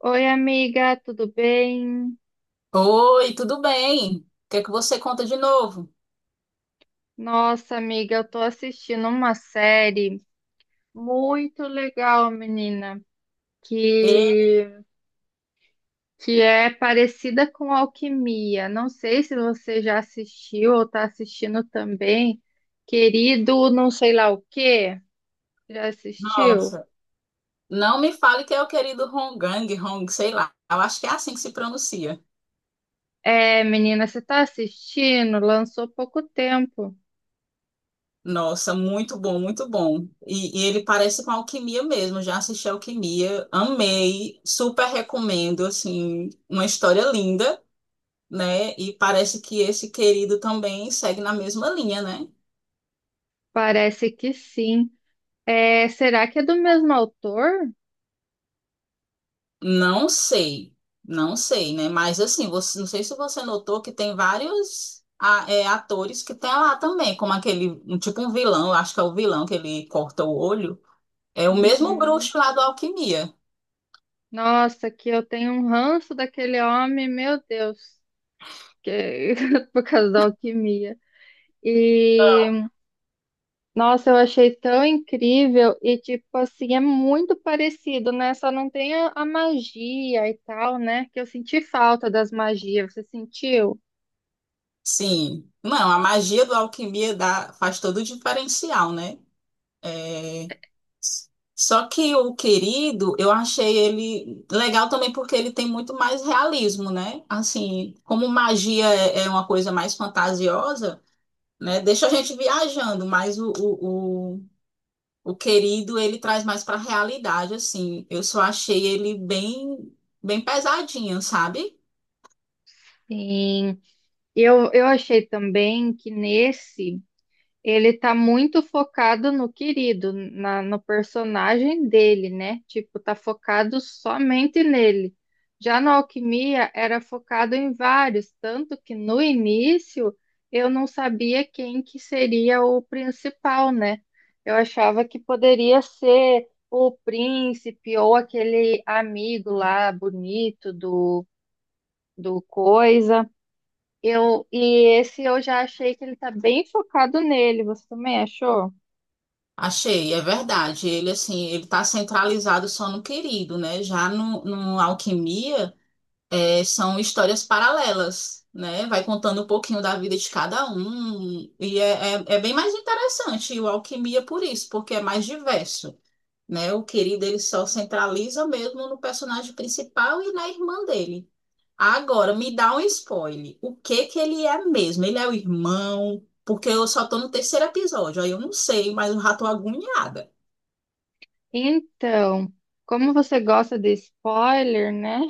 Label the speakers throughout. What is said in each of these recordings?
Speaker 1: Oi, amiga, tudo bem?
Speaker 2: Oi, tudo bem? O que é que você conta de novo?
Speaker 1: Nossa, amiga, eu tô assistindo uma série muito legal, menina,
Speaker 2: E,
Speaker 1: que é parecida com Alquimia. Não sei se você já assistiu ou tá assistindo também. Querido, não sei lá o quê. Já assistiu?
Speaker 2: nossa, não me fale que é o querido Honggang, Hong, sei lá. Eu acho que é assim que se pronuncia.
Speaker 1: É, menina, você tá assistindo? Lançou pouco tempo.
Speaker 2: Nossa, muito bom, muito bom. E ele parece com Alquimia mesmo. Já assisti Alquimia, amei, super recomendo, assim, uma história linda, né? E parece que esse querido também segue na mesma linha, né?
Speaker 1: Parece que sim. É, será que é do mesmo autor?
Speaker 2: Não sei, não sei, né? Mas assim, você, não sei se você notou que tem vários é, atores que tem lá também, como aquele, um, tipo um vilão, eu acho que é o vilão que ele corta o olho. É o mesmo
Speaker 1: Uhum.
Speaker 2: bruxo lá do Alquimia.
Speaker 1: Nossa, que eu tenho um ranço daquele homem, meu Deus, que por causa da alquimia. E nossa, eu achei tão incrível e tipo assim, é muito parecido, né? Só não tem a magia e tal, né? Que eu senti falta das magias, você sentiu?
Speaker 2: Sim, não, a magia do Alquimia dá, faz todo o diferencial, né? É. Só que o querido, eu achei ele legal também porque ele tem muito mais realismo, né? Assim, como magia é uma coisa mais fantasiosa. Né? Deixa a gente viajando, mas o querido ele traz mais para a realidade, assim. Eu só achei ele bem, bem pesadinho, sabe?
Speaker 1: Sim. Eu achei também que nesse ele tá muito focado no querido, no personagem dele, né? Tipo, tá focado somente nele. Já na Alquimia era focado em vários, tanto que no início eu não sabia quem que seria o principal, né? Eu achava que poderia ser o príncipe ou aquele amigo lá bonito do coisa. E esse eu já achei que ele tá bem focado nele. Você também achou?
Speaker 2: Achei, é verdade. Ele assim, ele tá centralizado só no querido, né? Já no Alquimia, é, são histórias paralelas, né? Vai contando um pouquinho da vida de cada um e é bem mais interessante. E o Alquimia por isso, porque é mais diverso. Né? O querido ele só centraliza mesmo no personagem principal e na irmã dele. Agora, me dá um spoiler. O que que ele é mesmo? Ele é o irmão? Porque eu só tô no terceiro episódio, aí eu não sei, mas eu já tô agoniada.
Speaker 1: Então, como você gosta de spoiler, né?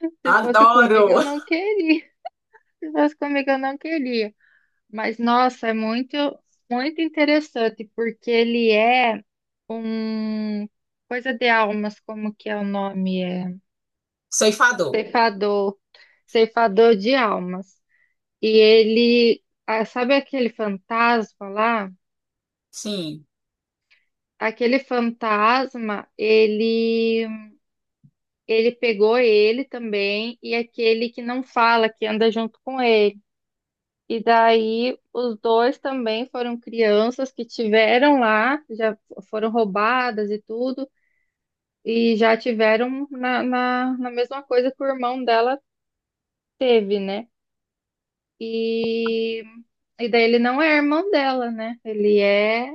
Speaker 1: Se fosse comigo, eu
Speaker 2: Adoro!
Speaker 1: não queria. Se fosse comigo, eu não queria. Mas, nossa, é muito interessante, porque ele é um coisa de almas, como que é o nome? É
Speaker 2: Ceifador.
Speaker 1: ceifador, ceifador de almas. E ele, ah, sabe aquele fantasma lá?
Speaker 2: Sim.
Speaker 1: Aquele fantasma, ele pegou ele também e aquele que não fala, que anda junto com ele. E daí os dois também foram crianças que tiveram lá, já foram roubadas e tudo, e já tiveram na mesma coisa que o irmão dela teve, né? E, e daí ele não é irmão dela, né?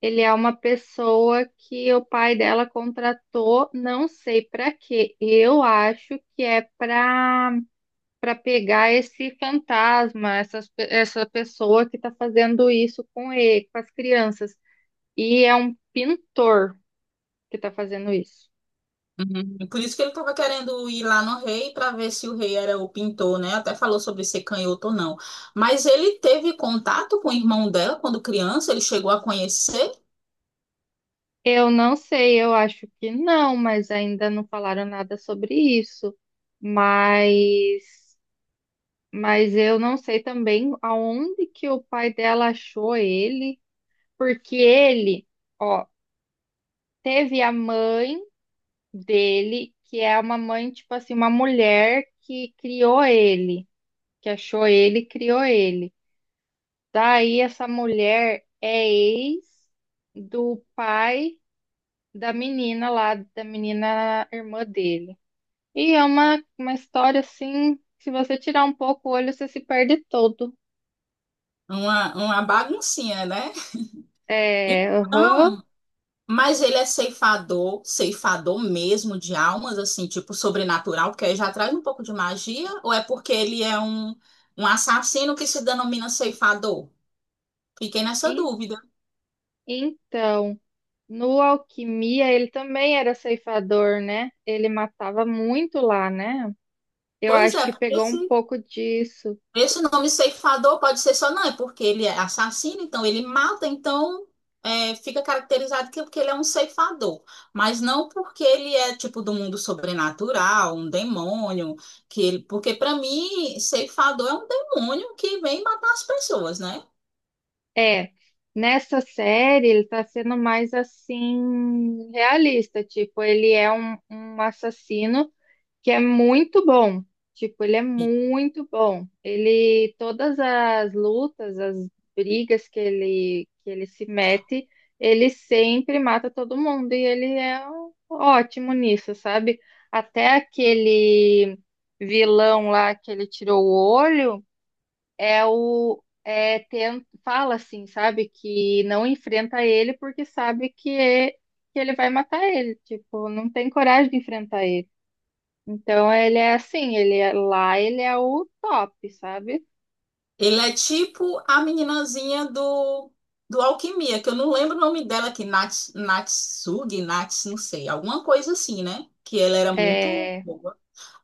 Speaker 1: Ele é uma pessoa que o pai dela contratou, não sei para quê. Eu acho que é para pegar esse fantasma, essa pessoa que está fazendo isso com ele, com as crianças. E é um pintor que está fazendo isso.
Speaker 2: Uhum. Por isso que ele tava querendo ir lá no rei para ver se o rei era o pintor, né? Até falou sobre ser canhoto ou não. Mas ele teve contato com o irmão dela quando criança, ele chegou a conhecer
Speaker 1: Eu não sei, eu acho que não, mas ainda não falaram nada sobre isso. Mas, mas eu não sei também aonde que o pai dela achou ele, porque ele, ó, teve a mãe dele, que é uma mãe, tipo assim, uma mulher que criou ele, que achou ele, e criou ele. Daí essa mulher é ex do pai da menina lá, da menina irmã dele. E é uma história assim, se você tirar um pouco o olho, você se perde todo.
Speaker 2: uma baguncinha, né?
Speaker 1: É, aham.
Speaker 2: Então, mas ele é ceifador, ceifador mesmo de almas, assim, tipo sobrenatural, porque aí já traz um pouco de magia, ou é porque ele é um, um assassino que se denomina ceifador? Fiquei nessa
Speaker 1: En-
Speaker 2: dúvida.
Speaker 1: Então, no Alquimia, ele também era ceifador, né? Ele matava muito lá, né? Eu
Speaker 2: Pois
Speaker 1: acho
Speaker 2: é,
Speaker 1: que
Speaker 2: porque
Speaker 1: pegou um
Speaker 2: se
Speaker 1: pouco disso.
Speaker 2: esse nome ceifador pode ser só não, é porque ele é assassino, então ele mata, então é, fica caracterizado que porque ele é um ceifador, mas não porque ele é tipo do mundo sobrenatural, um demônio, que ele, porque para mim ceifador é um demônio que vem matar as pessoas, né?
Speaker 1: É, nessa série ele tá sendo mais assim realista, tipo, ele é um, um assassino que é muito bom, tipo, ele é muito bom. Ele, todas as lutas, as brigas que ele, se mete, ele sempre mata todo mundo e ele é ótimo nisso, sabe? Até aquele vilão lá que ele tirou o olho é fala assim, sabe, que não enfrenta ele porque sabe que ele vai matar ele, tipo, não tem coragem de enfrentar ele. Então ele é assim, ele é, lá ele é o top, sabe?
Speaker 2: Ele é tipo a meninazinha do Alquimia, que eu não lembro o nome dela, que Nats, Natsugi, Nats, não sei, alguma coisa assim, né? Que ela era muito.
Speaker 1: É,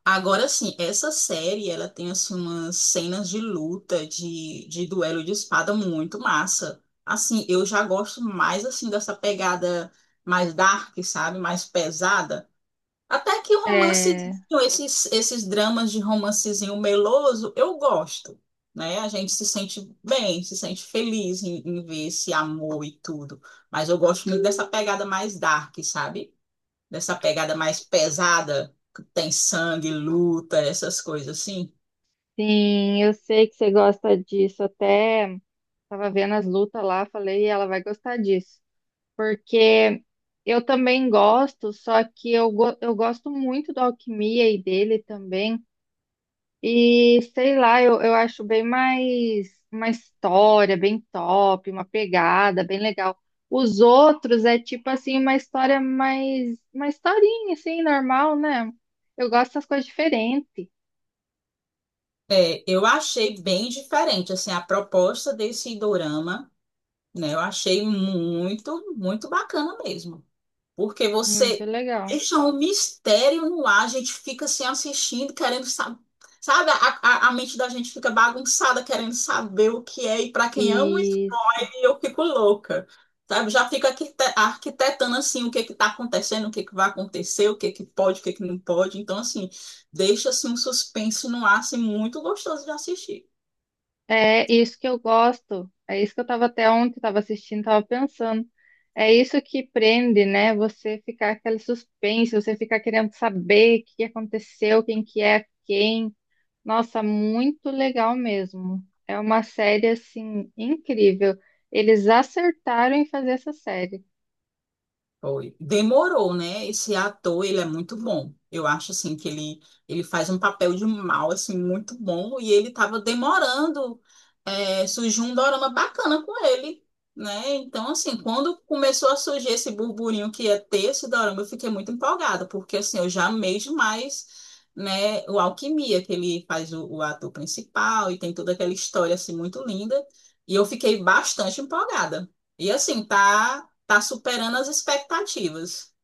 Speaker 2: Agora sim, essa série ela tem assim umas cenas de luta, de duelo de espada muito massa. Assim, eu já gosto mais assim dessa pegada mais dark, sabe? Mais pesada. Até que o romancezinho,
Speaker 1: é,
Speaker 2: esses dramas de romancezinho meloso, eu gosto, né? A gente se sente bem, se sente feliz em ver esse amor e tudo. Mas eu gosto muito dessa pegada mais dark, sabe? Dessa pegada mais pesada, que tem sangue, luta, essas coisas assim.
Speaker 1: sim, eu sei que você gosta disso. Até tava vendo as lutas lá, falei, ela vai gostar disso. Porque eu também gosto, só que eu gosto muito da alquimia e dele também. E sei lá, eu acho bem mais uma história bem top, uma pegada bem legal. Os outros é tipo assim, uma história mais, uma historinha assim, normal, né? Eu gosto das coisas diferentes.
Speaker 2: É, eu achei bem diferente, assim, a proposta desse dorama, né? Eu achei muito, muito bacana mesmo. Porque
Speaker 1: Muito
Speaker 2: você
Speaker 1: legal.
Speaker 2: deixa um mistério no ar, a gente fica assim assistindo, querendo saber. Sabe, a mente da gente fica bagunçada, querendo saber o que é e para quem ama
Speaker 1: Isso.
Speaker 2: e eu fico louca. Sabe? Já fico arquitetando assim o que que tá acontecendo, o que que vai acontecer, o que que pode, o que que não pode. Então, assim, deixa assim, um suspense no ar assim, muito gostoso de assistir.
Speaker 1: É isso que eu gosto. É isso que eu tava até ontem, tava assistindo, tava pensando. É isso que prende, né? Você ficar aquele suspense, você ficar querendo saber o que aconteceu, quem que é quem. Nossa, muito legal mesmo. É uma série assim incrível. Eles acertaram em fazer essa série.
Speaker 2: Foi. Demorou, né? Esse ator, ele é muito bom. Eu acho, assim, que ele faz um papel de mal, assim, muito bom. E ele tava demorando, é, surgiu um dorama bacana com ele, né? Então, assim, quando começou a surgir esse burburinho que ia ter esse dorama, eu fiquei muito empolgada, porque, assim, eu já amei demais, né? O Alquimia, que ele faz o ator principal e tem toda aquela história, assim, muito linda. E eu fiquei bastante empolgada. E, assim, tá... Tá superando as expectativas.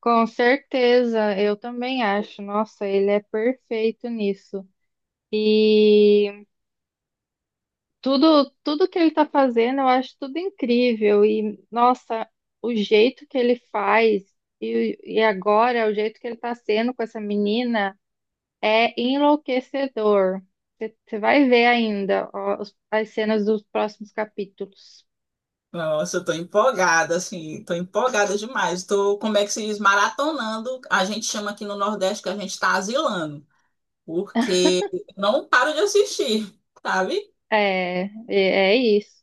Speaker 1: Com certeza, eu também acho. Nossa, ele é perfeito nisso. E tudo que ele tá fazendo, eu acho tudo incrível. E nossa, o jeito que ele faz e agora o jeito que ele tá sendo com essa menina. É enlouquecedor. Você vai ver ainda ó, as cenas dos próximos capítulos.
Speaker 2: Nossa, eu tô empolgada, assim, tô empolgada demais. Tô, como é que se diz, maratonando. A gente chama aqui no Nordeste que a gente tá asilando, porque não paro de assistir, sabe?
Speaker 1: É, é é isso.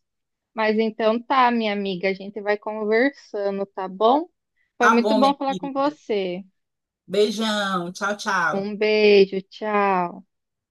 Speaker 1: Mas então tá, minha amiga, a gente vai conversando, tá bom? Foi
Speaker 2: Tá
Speaker 1: muito
Speaker 2: bom, minha
Speaker 1: bom falar com
Speaker 2: querida.
Speaker 1: você.
Speaker 2: Beijão, tchau, tchau.
Speaker 1: Um beijo, tchau.